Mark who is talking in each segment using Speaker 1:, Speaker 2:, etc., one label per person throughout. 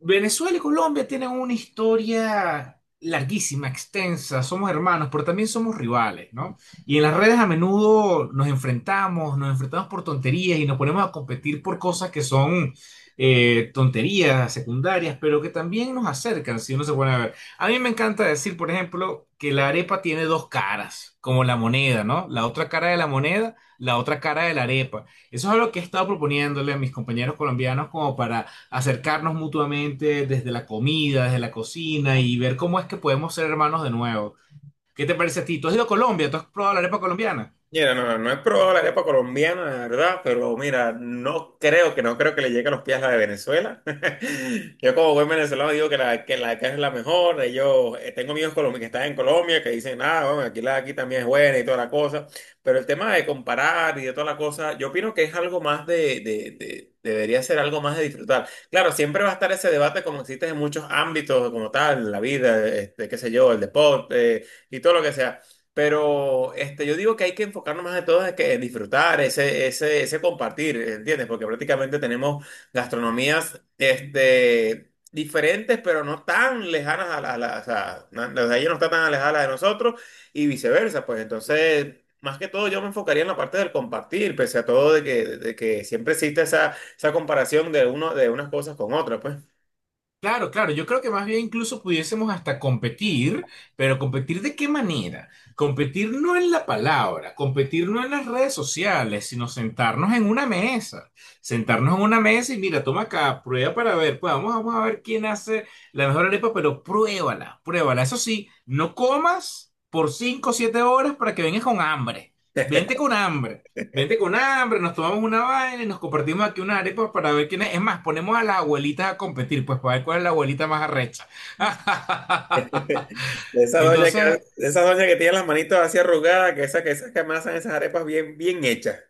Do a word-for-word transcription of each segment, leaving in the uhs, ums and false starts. Speaker 1: Venezuela y Colombia tienen una historia larguísima, extensa, somos hermanos, pero también somos rivales, ¿no? Y en las redes a menudo nos enfrentamos, nos enfrentamos por tonterías y nos ponemos a competir por cosas que son eh, tonterías secundarias, pero que también nos acercan, si uno se pone a ver. A mí me encanta decir, por ejemplo, que la arepa tiene dos caras, como la moneda, ¿no? La otra cara de la moneda, la otra cara de la arepa. Eso es algo que he estado proponiéndole a mis compañeros colombianos como para acercarnos mutuamente desde la comida, desde la cocina y ver cómo es que podemos ser hermanos de nuevo. ¿Qué te parece a ti? ¿Tú has ido a Colombia? ¿Tú has probado la arepa colombiana?
Speaker 2: Mira, no, no es probable la arepa colombiana, la verdad, pero mira, no creo que no creo que le llegue a los pies la de Venezuela. Yo como buen venezolano digo que la que la de acá es la mejor. Ellos, eh, tengo amigos colombianos que están en Colombia que dicen, ah, bueno, aquí la de aquí también es buena y toda la cosa. Pero el tema de comparar y de toda la cosa, yo opino que es algo más de, de, de- debería ser algo más de disfrutar. Claro, siempre va a estar ese debate como existe en muchos ámbitos como tal, la vida, este, qué sé yo, el deporte y todo lo que sea. Pero este, yo digo que hay que enfocarnos más de todo en, que, en disfrutar, ese, ese, ese compartir, ¿entiendes? Porque prácticamente tenemos gastronomías este, diferentes, pero no tan lejanas a la, a la- o sea, na- la de ellos no está tan alejada a la de nosotros y viceversa. Pues entonces, más que todo, yo me enfocaría en la parte del compartir, pese a todo de que, de que siempre existe esa, esa comparación de, uno, de unas cosas con otras, pues.
Speaker 1: Claro, claro, yo creo que más bien incluso pudiésemos hasta competir, pero ¿competir de qué manera? Competir no en la palabra, competir no en las redes sociales, sino sentarnos en una mesa, sentarnos en una mesa y mira, toma acá, prueba para ver, pues vamos, vamos a ver quién hace la mejor arepa, pero pruébala, pruébala. Eso sí, no comas por cinco o siete horas para que vengas con hambre, vente con hambre. Vente con hambre, nos tomamos una vaina y nos compartimos aquí unas arepas para ver quién es. Es más, ponemos a las abuelitas a competir, pues para ver cuál es la abuelita más arrecha.
Speaker 2: Esa doña que,
Speaker 1: Entonces,
Speaker 2: esa doña que tiene las manitos así arrugadas, que esas que, esas que amasan esas arepas bien, bien hechas.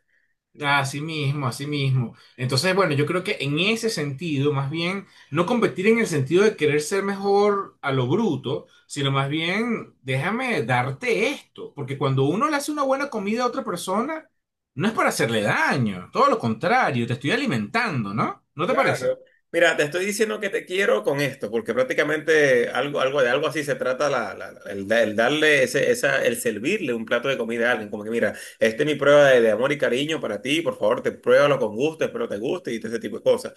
Speaker 1: así mismo, así mismo. Entonces, bueno, yo creo que en ese sentido, más bien, no competir en el sentido de querer ser mejor a lo bruto, sino más bien, déjame darte esto, porque cuando uno le hace una buena comida a otra persona, no es para hacerle daño, todo lo contrario, te estoy alimentando, ¿no? ¿No te parece?
Speaker 2: Claro. Mira, te estoy diciendo que te quiero con esto, porque prácticamente algo, algo de algo así se trata la, la- la- el, da- el darle ese, esa, el servirle un plato de comida a alguien. Como que, mira, esta es mi prueba de, de amor y cariño para ti, por favor, te pruébalo con gusto, espero te guste y todo ese tipo de cosas.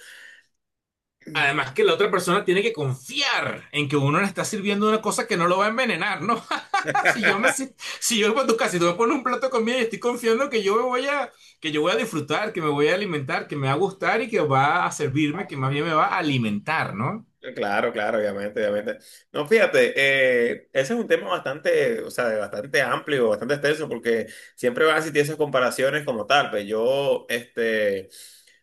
Speaker 1: Además que la otra persona tiene que confiar en que uno le está sirviendo una cosa que no lo va a envenenar, ¿no? Si yo me si, si yo voy a tu casa y tú me pones un plato de comida y estoy confiando que yo me voy a que yo voy a disfrutar, que me voy a alimentar, que me va a gustar y que va a servirme, que más bien me va a alimentar, ¿no?
Speaker 2: Claro, claro, obviamente, obviamente. No, fíjate, eh, ese es un tema bastante, o sea, bastante amplio, bastante extenso, porque siempre van a existir esas comparaciones como tal. Pues yo, este.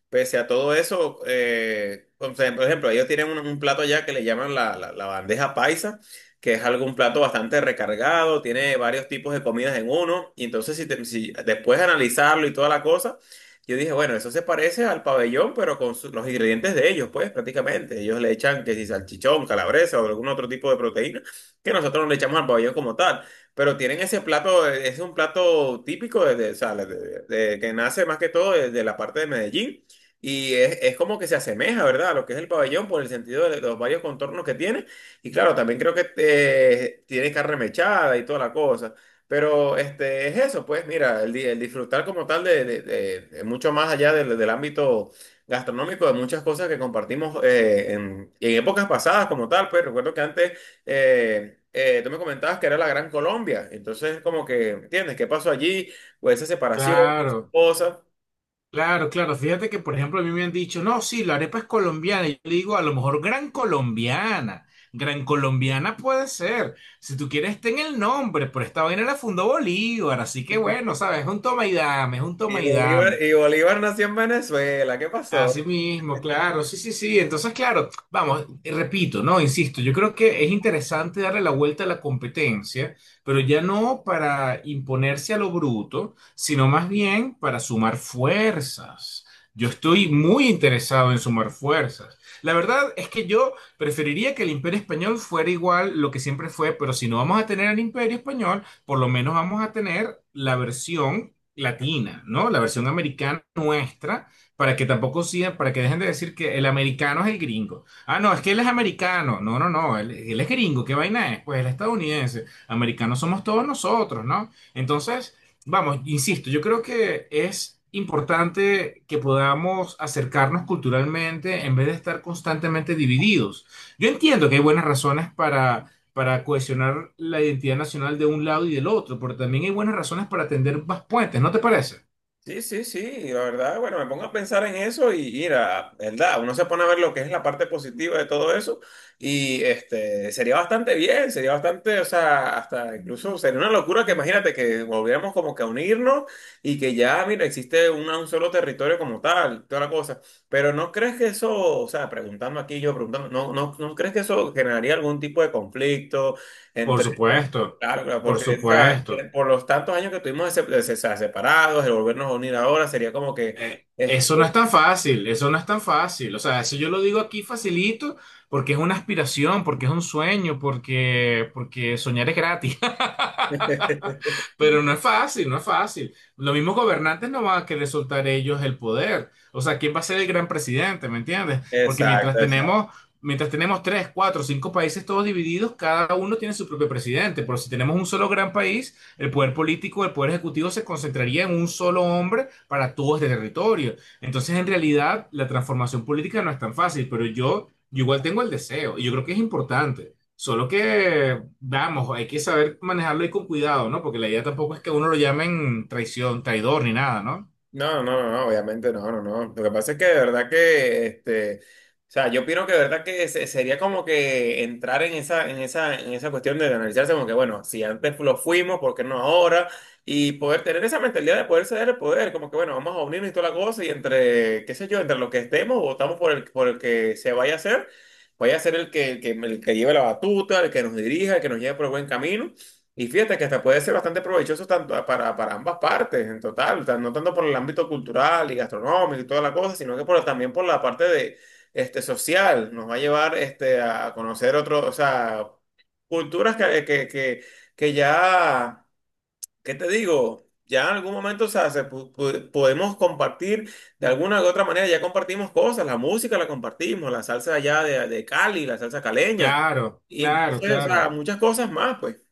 Speaker 2: Pese a todo eso, eh, o sea, por ejemplo, ellos tienen un, un plato allá que le llaman la, la- la bandeja paisa, que es algún plato bastante recargado, tiene varios tipos de comidas en uno, y entonces si, te- si después de analizarlo y toda la cosa, yo dije, bueno, eso se parece al pabellón, pero con su- los ingredientes de ellos, pues prácticamente, ellos le echan que si salchichón, calabresa o algún otro tipo de proteína, que nosotros no le echamos al pabellón como tal. Pero tienen ese plato, eh, es un plato típico de, de- o sea, de- de- de- que nace más que todo de de la parte de Medellín. Y es, es como que se asemeja, ¿verdad? A lo que es el pabellón por el sentido de los varios contornos que tiene. Y claro, también creo que eh, tiene carne mechada y toda la cosa. Pero este, es eso, pues mira, el, di- el disfrutar como tal de, de- de- de mucho más allá del, del ámbito gastronómico, de muchas cosas que compartimos eh, en, en épocas pasadas como tal. Pues recuerdo que antes eh, eh, tú me comentabas que era la Gran Colombia. Entonces, como que, ¿entiendes? ¿Qué pasó allí? Pues esa separación, esas
Speaker 1: Claro.
Speaker 2: cosas.
Speaker 1: Claro, claro. Fíjate que, por ejemplo, a mí me han dicho, no, sí, la arepa es colombiana. Y yo le digo, a lo mejor gran colombiana. Gran colombiana puede ser. Si tú quieres, ten el nombre, pero esta vaina la fundó Bolívar. Así que bueno, ¿sabes? Es un toma y dame, es un
Speaker 2: Y
Speaker 1: toma y
Speaker 2: Bolívar,
Speaker 1: dame.
Speaker 2: y Bolívar nació en Venezuela, ¿qué
Speaker 1: Así
Speaker 2: pasó?
Speaker 1: mismo, claro, sí, sí, sí. Entonces, claro, vamos, repito, ¿no? Insisto, yo creo que es interesante darle la vuelta a la competencia, pero ya no para imponerse a lo bruto, sino más bien para sumar fuerzas. Yo estoy muy interesado en sumar fuerzas. La verdad es que yo preferiría que el Imperio Español fuera igual lo que siempre fue, pero si no vamos a tener el Imperio Español, por lo menos vamos a tener la versión latina, ¿no? La versión americana nuestra para que tampoco sigan, para que dejen de decir que el americano es el gringo. Ah, no, es que él es americano. No, no, no, él, él es gringo. ¿Qué vaina es? Pues él es estadounidense. Americanos somos todos nosotros, ¿no? Entonces, vamos, insisto, yo creo que es importante que podamos acercarnos culturalmente en vez de estar constantemente divididos. Yo entiendo que hay buenas razones para para cohesionar la identidad nacional de un lado y del otro, pero también hay buenas razones para tender más puentes, ¿no te parece?
Speaker 2: Sí, sí, sí, y la verdad, bueno, me pongo a pensar en eso y mira, ¿verdad? Uno se pone a ver lo que es la parte positiva de todo eso y este, sería bastante bien, sería bastante, o sea, hasta incluso sería una locura que imagínate que volviéramos como que a unirnos y que ya, mira, existe una- un solo territorio como tal, toda la cosa, pero ¿no crees que eso, o
Speaker 1: Por supuesto,
Speaker 2: Claro, claro,
Speaker 1: por
Speaker 2: porque o sea, eh,
Speaker 1: supuesto.
Speaker 2: por los tantos años que estuvimos se- se- se- separados, el volvernos a unir ahora sería como que...
Speaker 1: Eh,
Speaker 2: este,
Speaker 1: eso no es tan fácil, eso no es tan fácil. O sea, eso yo lo digo aquí facilito porque es una aspiración, porque es un sueño, porque, porque soñar es gratis. Pero no es fácil, no es fácil. Los mismos gobernantes no van a querer soltar ellos el poder. O sea, ¿quién va a ser el gran presidente? ¿Me entiendes? Porque
Speaker 2: Exacto,
Speaker 1: mientras
Speaker 2: exacto.
Speaker 1: tenemos, mientras tenemos tres, cuatro, cinco países todos divididos, cada uno tiene su propio presidente. Pero si tenemos un solo gran país, el poder político, el poder ejecutivo se concentraría en un solo hombre para todo este territorio. Entonces, en realidad, la transformación política no es tan fácil, pero yo, yo igual tengo el deseo y yo creo que es importante. Solo que, vamos, hay que saber manejarlo y con cuidado, ¿no? Porque la idea tampoco es que a uno lo llamen traición, traidor ni nada, ¿no?
Speaker 2: No, no, no, no, obviamente no, no, no. Lo que pasa es que de verdad que, este, o sea, yo opino que de verdad que se- sería como que entrar en esa, en esa, en esa cuestión de analizarse como que, bueno, si antes lo fuimos, ¿por qué no ahora? Y poder tener esa mentalidad de poder ceder el poder, como que, bueno, vamos a unirnos y toda la cosa y entre, qué sé yo, entre los que estemos, votamos por el, por el que se vaya a hacer, vaya a ser el que, el que, el que lleve la batuta, el que nos dirija, el que nos lleve por el buen camino. Y fíjate que hasta puede ser bastante provechoso tanto para, para ambas partes, en total, o sea, no tanto por el ámbito cultural y gastronómico y toda la cosa, sino que por, también por la parte de, este, social. Nos va a llevar este, a conocer otros, o sea, culturas que, que, que, que ya, ¿qué te digo? Ya en algún momento, o sea, se pu- pu- podemos compartir de alguna u otra manera, ya compartimos cosas, la música la compartimos, la salsa allá de, de Cali, la salsa caleña,
Speaker 1: Claro,
Speaker 2: y
Speaker 1: claro,
Speaker 2: entonces, o sea,
Speaker 1: claro.
Speaker 2: muchas cosas más, pues.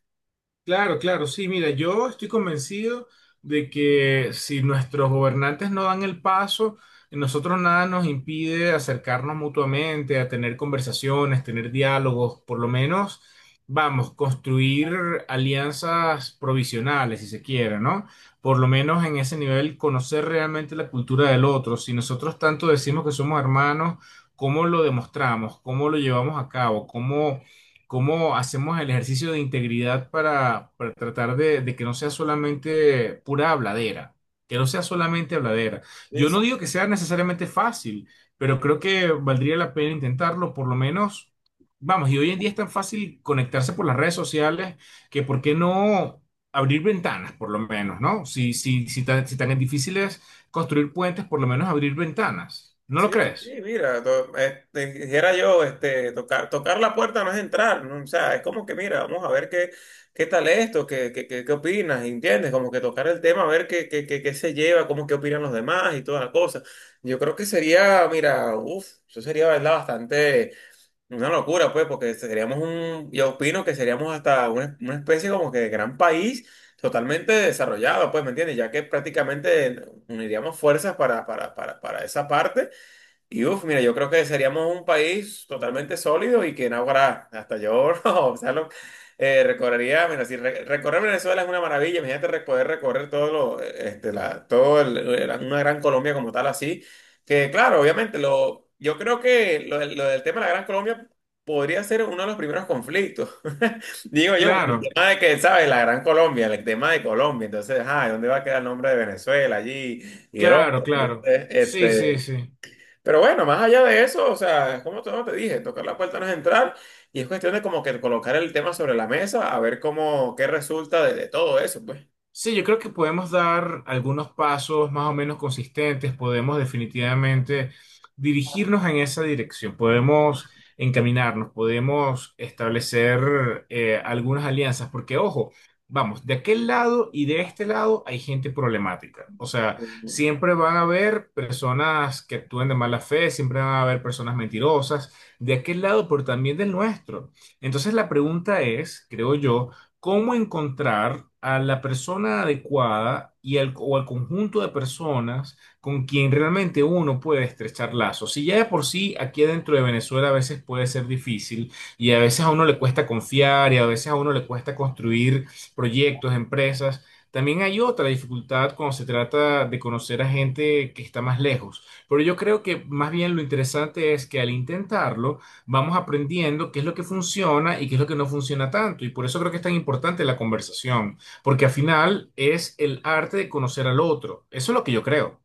Speaker 1: Claro, claro, sí, mira, yo estoy convencido de que si nuestros gobernantes no dan el paso, nosotros nada nos impide acercarnos mutuamente, a tener conversaciones, tener diálogos, por lo menos, vamos, construir alianzas provisionales, si se quiere, ¿no? Por lo menos en ese nivel, conocer realmente la cultura del otro. Si nosotros tanto decimos que somos hermanos, ¿cómo lo demostramos? ¿Cómo lo llevamos a cabo? ¿Cómo cómo hacemos el ejercicio de integridad para, para tratar de, de que no sea solamente pura habladera, que no sea solamente habladera.
Speaker 2: Sí,
Speaker 1: Yo
Speaker 2: sí.
Speaker 1: no digo que sea necesariamente fácil, pero creo que valdría la pena intentarlo, por lo menos, vamos, y hoy en día es tan fácil conectarse por las redes sociales que por qué no abrir ventanas, por lo menos, ¿no? Si, si, si tan, si tan difícil es construir puentes, por lo menos abrir ventanas. ¿No lo
Speaker 2: Sí,
Speaker 1: crees?
Speaker 2: sí, mira, to- este, dijera yo, este, tocar, tocar la puerta no es entrar, ¿no? O sea, es como que, mira, vamos a ver qué, qué tal esto, qué, qué, qué, qué opinas, ¿entiendes? Como que tocar el tema, a ver qué, qué, qué, qué se lleva, cómo qué opinan los demás y toda la cosa. Yo creo que sería, mira, uff, eso sería, ¿verdad? Bastante una locura, pues, porque seríamos un, yo opino que seríamos hasta una, una especie como que de gran país. Totalmente desarrollado, pues, ¿me entiendes? Ya que prácticamente uniríamos fuerzas para, para, para, para esa parte. Y uff, mira, yo creo que seríamos un país totalmente sólido y que en ahora hasta yo, o sea, lo- eh, recorrería, mira, si re- recorrer Venezuela es una maravilla, imagínate re- poder recorrer todo lo, eh, este, la, todo el- el- una gran Colombia como tal así, que claro, obviamente, lo, yo creo que lo, del lo del tema de la Gran Colombia podría ser uno de los primeros conflictos, digo yo, por el
Speaker 1: Claro,
Speaker 2: tema de que, ¿sabes? La Gran Colombia, el tema de Colombia, entonces, ajá, ¿dónde va a quedar el nombre de Venezuela allí y el
Speaker 1: claro,
Speaker 2: otro?
Speaker 1: claro.
Speaker 2: Entonces,
Speaker 1: Sí, sí,
Speaker 2: este...
Speaker 1: sí.
Speaker 2: Pero bueno, más allá de eso, o sea, es como todo te dije, tocar la puerta no es entrar y es cuestión de como que colocar el tema sobre la mesa, a ver cómo, qué resulta de, de todo eso, pues.
Speaker 1: Sí, yo creo que podemos dar algunos pasos más o menos consistentes, podemos definitivamente dirigirnos en esa dirección, podemos encaminarnos, podemos establecer eh, algunas alianzas, porque ojo, vamos, de aquel lado y de este lado hay gente problemática, o sea,
Speaker 2: Ujú.
Speaker 1: siempre van a haber personas que actúen de mala fe, siempre van a haber personas mentirosas, de aquel lado, pero también del nuestro. Entonces la pregunta es, creo yo, cómo encontrar a la persona adecuada y al, o al conjunto de personas con quien realmente uno puede estrechar lazos. Si ya de por sí aquí dentro de Venezuela a veces puede ser difícil y a veces a uno le cuesta confiar y a veces a uno le cuesta construir proyectos, empresas. También hay otra dificultad cuando se trata de conocer a gente que está más lejos. Pero yo creo que más bien lo interesante es que al intentarlo, vamos aprendiendo qué es lo que funciona y qué es lo que no funciona tanto. Y por eso creo que es tan importante la conversación, porque al final es el arte de conocer al otro. Eso es lo que yo creo.